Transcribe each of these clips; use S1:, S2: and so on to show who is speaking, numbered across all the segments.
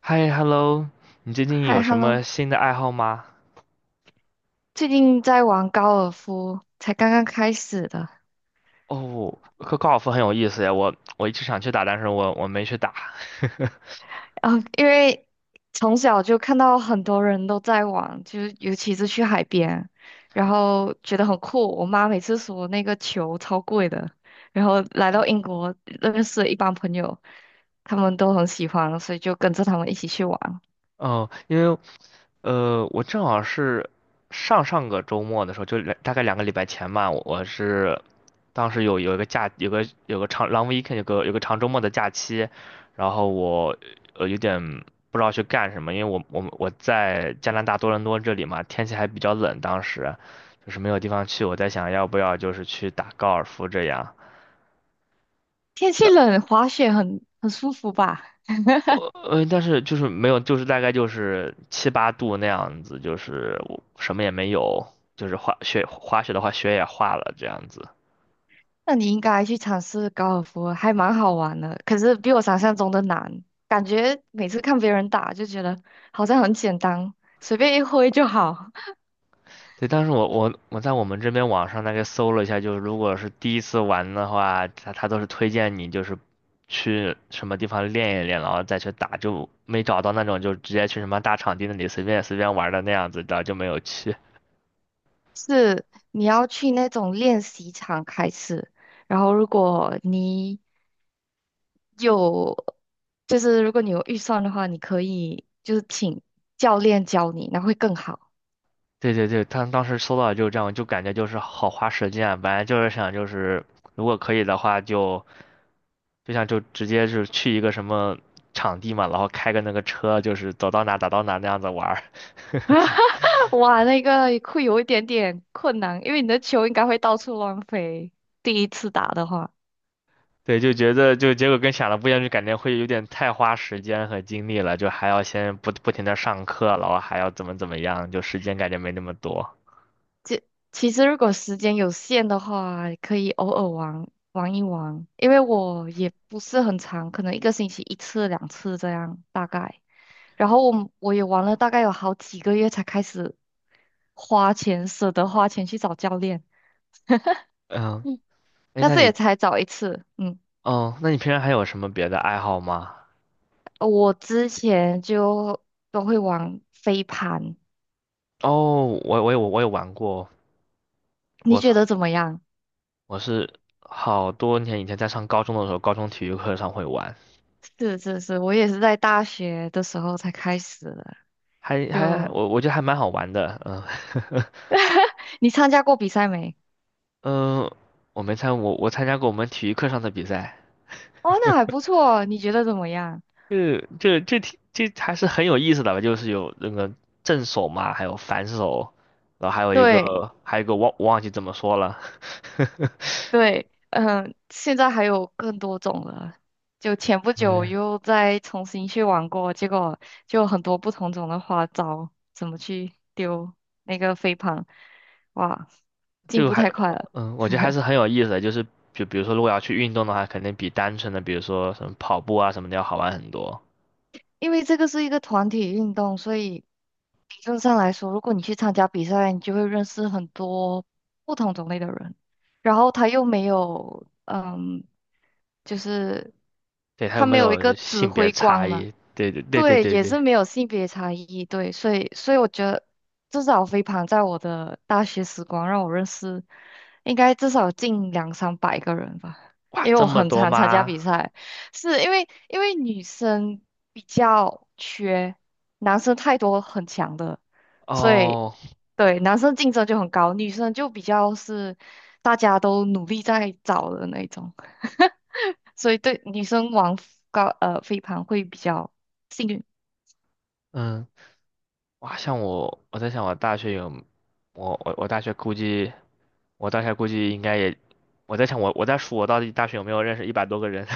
S1: 嗨，hello，你最近有
S2: 嗨
S1: 什么
S2: ，Hello，
S1: 新的爱好吗？
S2: 最近在玩高尔夫，才刚刚开始的。
S1: 哦，高尔夫很有意思呀，我一直想去打，但是我没去打。
S2: 因为从小就看到很多人都在玩，就是尤其是去海边，然后觉得很酷。我妈每次说那个球超贵的，然后来到英 国认识了一帮朋友，他们都很喜欢，所以就跟着他们一起去玩。
S1: 哦，因为我正好是上上个周末的时候，大概2个礼拜前吧，我当时有一个假，有个长 long weekend，有个长周末的假期，然后我有点不知道去干什么，因为我在加拿大多伦多这里嘛，天气还比较冷，当时就是没有地方去，我在想要不要就是去打高尔夫这样。
S2: 天气冷，滑雪很舒服吧？
S1: 但是就是没有，就是大概就是七八度那样子，就是我什么也没有，就是滑雪的话，雪也化了这样子。
S2: 那你应该去尝试高尔夫，还蛮好玩的。可是比我想象中的难，感觉每次看别人打就觉得好像很简单，随便一挥就好。
S1: 对，但是我在我们这边网上大概搜了一下，就是如果是第一次玩的话，他都是推荐你就是去什么地方练一练，然后再去打，就没找到那种就直接去什么大场地那里随便随便玩的那样子，然后就没有去。
S2: 是。你要去那种练习场开始，然后如果你有，就是如果你有预算的话，你可以就是请教练教你，那会更好。
S1: 对对对，他当时搜到就这样，就感觉就是好花时间啊，本来就是想就是如果可以的话就，就直接是去一个什么场地嘛，然后开个那个车，就是走到哪打到哪那样子玩儿
S2: 哇，那个会有一点点困难，因为你的球应该会到处乱飞。第一次打的话。
S1: 对，就觉得就结果跟想的不一样，就感觉会有点太花时间和精力了，就还要先不停的上课，然后还要怎么怎么样，就时间感觉没那么多。
S2: 就其实如果时间有限的话，可以偶尔玩玩一玩，因为我也不是很长，可能一个星期一次两次这样大概。然后我也玩了大概有好几个月才开始花钱，舍得花钱去找教练。
S1: 嗯，
S2: 嗯，
S1: 哎，
S2: 但
S1: 那
S2: 是也
S1: 你，
S2: 才找一次。嗯，
S1: 哦，那你平常还有什么别的爱好吗？
S2: 我之前就都会玩飞盘，
S1: 哦，我有玩过，
S2: 你
S1: 我
S2: 觉
S1: 操，
S2: 得怎么样？
S1: 我是好多年以前在上高中的时候，高中体育课上会玩，
S2: 是是是，我也是在大学的时候才开始的。
S1: 还
S2: 就
S1: 我觉得还蛮好玩的，嗯，
S2: 你参加过比赛没？
S1: 嗯，我没参我我参加过我们体育课上的比赛，
S2: 哦，那还不错，你觉得怎么样？
S1: 这还是很有意思的吧，就是有那个正手嘛，还有反手，然后还有一
S2: 对
S1: 个还有一个忘记怎么说了，
S2: 对，嗯，现在还有更多种了。就前不 久
S1: 嗯，
S2: 又再重新去玩过，结果就很多不同种的花招，怎么去丢那个飞盘，哇，进
S1: 就
S2: 步
S1: 还
S2: 太快了。
S1: 嗯，我觉得还是很有意思的，就是。就比如说，如果要去运动的话，肯定比单纯的，比如说什么跑步啊什么的要好玩很多。
S2: 因为这个是一个团体运动，所以理论上来说，如果你去参加比赛，你就会认识很多不同种类的人。然后他又没有，嗯，就是
S1: 对，还有
S2: 他
S1: 没
S2: 没有一
S1: 有
S2: 个指
S1: 性别
S2: 挥
S1: 差
S2: 官嘛，
S1: 异？对对对对
S2: 对，
S1: 对
S2: 也
S1: 对，
S2: 是没有性别差异，对，所以我觉得至少飞盘在我的大学时光让我认识，应该至少近两三百个人吧，
S1: 哇，
S2: 因为
S1: 这
S2: 我
S1: 么
S2: 很
S1: 多
S2: 常参加
S1: 吗？
S2: 比赛，是因为女生比较缺，男生太多很强的，所以
S1: 哦，
S2: 对男生竞争就很高，女生就比较是大家都努力在找的那种，所以对女生玩飞盘会比较。幸运。
S1: 嗯，哇，像我，我在想我大学有，我大学估计，我大学估计应该也，我在想我在数我到底大学有没有认识100多个人？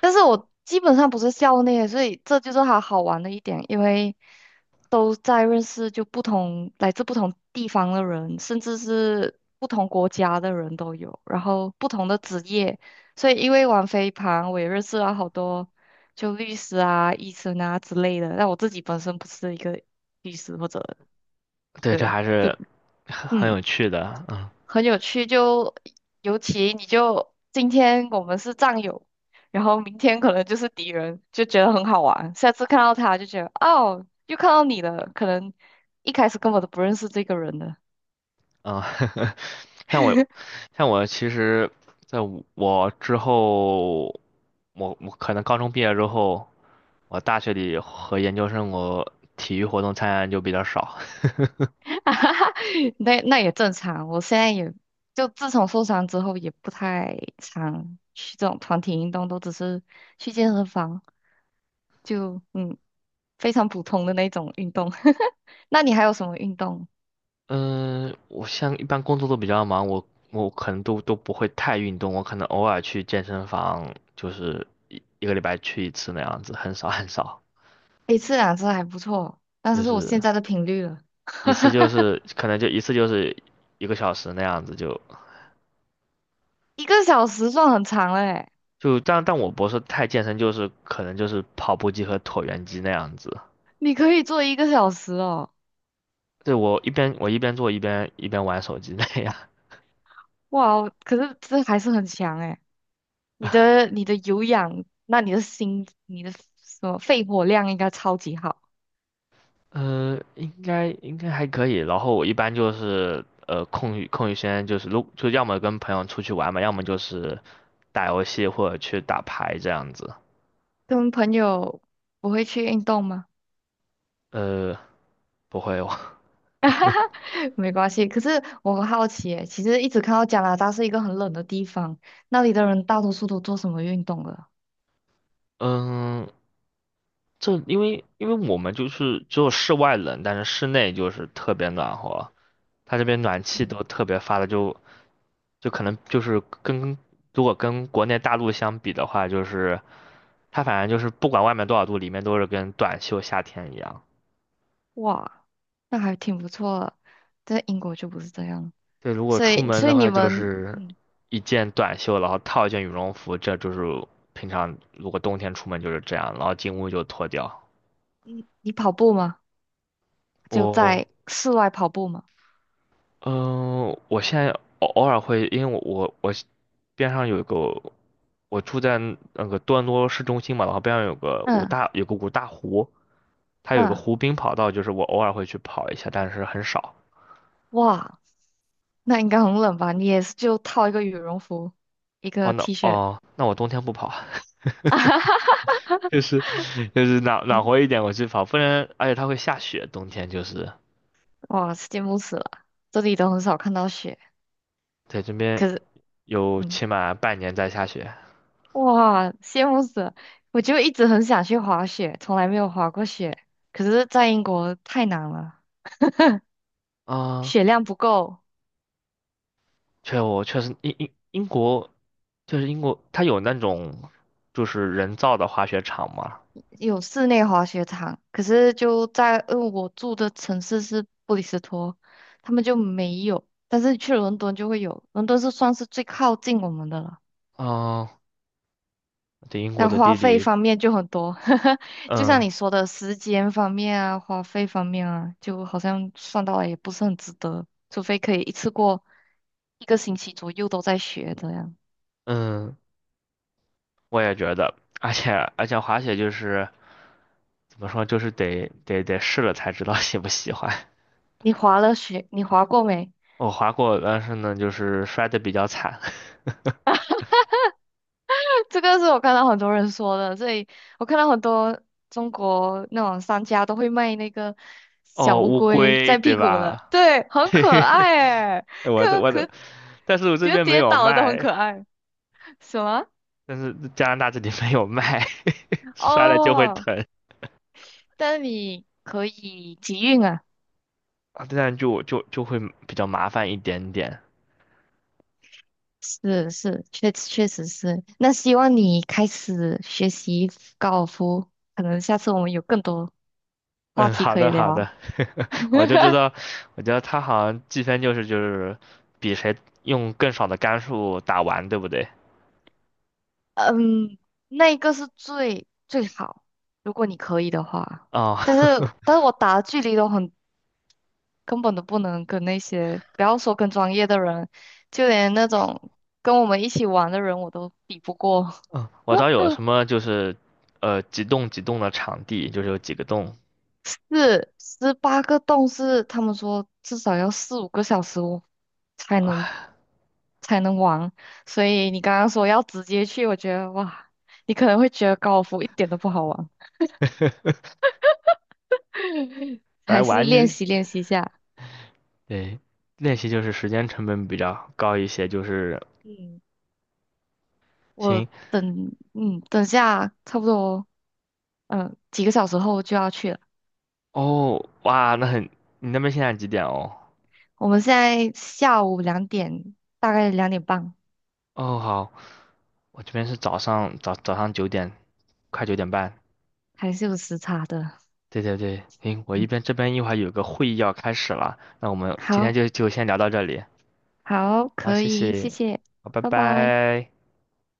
S2: 但是我基本上不是校内，所以这就是它好玩的一点，因为都在认识就不同来自不同地方的人，甚至是不同国家的人都有，然后不同的职业，所以因为玩飞盘，我也认识了好多就律师啊、医生啊之类的。但我自己本身不是一个律师或者
S1: 对，这
S2: 对，
S1: 还是很
S2: 嗯。
S1: 有趣的，嗯
S2: 很有趣，就尤其你就今天我们是战友，然后明天可能就是敌人，就觉得很好玩。下次看到他就觉得哦，又看到你了，可能一开始根本都不认识这个人了，
S1: 嗯，像我 像我其实在我之后，我可能高中毕业之后。我大学里和研究生，我体育活动参加就比较少。
S2: 哈哈那也正常。我现在也就自从受伤之后，也不太常去这种团体运动，都只是去健身房，就嗯非常普通的那种运动。那你还有什么运动？
S1: 嗯，我像一般工作都比较忙，我可能都不会太运动，我可能偶尔去健身房，就是一个礼拜去一次那样子，很少很少，
S2: 一次两次还不错，但
S1: 就
S2: 是是我
S1: 是
S2: 现在的频率了，
S1: 一次就 是可能就一次就是1个小时那样子就
S2: 一个小时算很长了诶，
S1: 就但我不是太健身，就是可能就是跑步机和椭圆机那样子。
S2: 你可以做一个小时哦，
S1: 对，我一边做一边玩手机那样。
S2: 哇哦，可是这还是很强诶，你的有氧，那你的心，你的什么肺活量应该超级好。
S1: 应该还可以。然后我一般就是空余时间就是就要么跟朋友出去玩嘛，要么就是打游戏或者去打牌这样子。
S2: 跟朋友不会去运动吗？
S1: 呃，不会哦，
S2: 没关系，可是我很好奇诶，其实一直看到加拿大是一个很冷的地方，那里的人大多数都做什么运动了？
S1: 嗯，这因为我们就是只有室外冷，但是室内就是特别暖和。它这边暖气都特别发的就可能就是如果跟国内大陆相比的话，就是它反正就是不管外面多少度，里面都是跟短袖夏天一样。
S2: 哇，那还挺不错的，在英国就不是这样，
S1: 对，如果
S2: 所
S1: 出
S2: 以
S1: 门
S2: 所
S1: 的
S2: 以你
S1: 话，就
S2: 们，
S1: 是
S2: 嗯
S1: 一件短袖，然后套一件羽绒服，这就是平常如果冬天出门就是这样，然后进屋就脱掉。
S2: 你你跑步吗？就
S1: 我，
S2: 在室外跑步吗？
S1: 嗯、我现在偶尔会，因为我边上有一个，我住在那个多伦多市中心嘛，然后边上
S2: 嗯
S1: 有个五大湖，它有一个
S2: 嗯，
S1: 湖滨跑道，就是我偶尔会去跑一下，但是很少。
S2: 哇，那应该很冷吧？你也是就套一个羽绒服，一
S1: 哦，
S2: 个 T 恤，
S1: 那我冬天不跑啊。就是就是暖和一点我去跑，不然而且它会下雪，冬天就是
S2: 哇，羡慕死了，这里都很少看到雪，
S1: 在这边
S2: 可是，
S1: 有
S2: 嗯，
S1: 起码半年在下雪
S2: 哇，羡慕死了，我就一直很想去滑雪，从来没有滑过雪，可是在英国太难了，
S1: 啊。
S2: 雪量不够。
S1: 确实英英英国就是英国，它有那种就是人造的滑雪场嘛。
S2: 有室内滑雪场，可是就在，呃我住的城市是布里斯托，他们就没有，但是去伦敦就会有，伦敦是算是最靠近我们的了。
S1: 啊，对英国
S2: 但
S1: 的
S2: 花
S1: 地
S2: 费
S1: 理，
S2: 方面就很多，就像
S1: 嗯
S2: 你说的时间方面啊，花费方面啊，就好像算到来也不是很值得，除非可以一次过一个星期左右都在学这样。
S1: 嗯，我也觉得，而且而且滑雪就是怎么说，就是得试了才知道喜不喜欢。
S2: 你滑了雪，你滑过没？
S1: 我滑过，但是呢，就是摔的比较惨。
S2: 这个是我看到很多人说的，所以我看到很多中国那种商家都会卖那个小
S1: 哦，
S2: 乌
S1: 乌
S2: 龟
S1: 龟
S2: 在
S1: 对
S2: 屁股的，
S1: 吧？
S2: 对，很可爱诶，
S1: 哎我的
S2: 可
S1: 我
S2: 可
S1: 的，但是我这
S2: 觉得
S1: 边没
S2: 跌
S1: 有
S2: 倒了都很
S1: 卖，
S2: 可爱。什么？
S1: 但是加拿大这里没有卖，摔了就会
S2: 哦，
S1: 疼
S2: 但你可以集运啊，
S1: 啊，这样就会比较麻烦一点点。
S2: 是是，确实是。那希望你开始学习高尔夫，可能下次我们有更多话
S1: 嗯，
S2: 题
S1: 好
S2: 可以
S1: 的好的，
S2: 聊。
S1: 我就知 道，我觉得他好像计分就是比谁用更少的杆数打完，对不对？
S2: 嗯，那一个是最最好，如果你可以的话。
S1: 哦，
S2: 但是，但是我打的距离都很，根本都不能跟那些，不要说跟专业的人，就连那种跟我们一起玩的人，我都比不过。
S1: 嗯，我知道有 什么就是，几栋几栋的场地，就是有几个洞，
S2: 是18个洞是他们说至少要四五个小时我才能
S1: 啊，
S2: 才能玩，所以你刚刚说要直接去，我觉得哇，你可能会觉得高尔夫一点都不好玩。
S1: 来
S2: 还是
S1: 玩
S2: 练习练习一下。
S1: 对，练习就是时间成本比较高一些，就是
S2: 嗯，我
S1: 行
S2: 等，等下差不多，嗯，几个小时后就要去了。
S1: 哦，哇，那很，你那边现在几点哦？
S2: 我们现在下午2点，大概2点半，
S1: 哦，好，我这边是早上早上九点，快9点半。
S2: 还是有时差的。
S1: 对对对，行，我一
S2: 嗯，
S1: 边这边一会儿有个会议要开始了，那我们今天
S2: 好，
S1: 就先聊到这里，
S2: 好，
S1: 好，
S2: 可
S1: 谢
S2: 以，谢
S1: 谢，
S2: 谢，
S1: 好，拜
S2: 拜拜。
S1: 拜。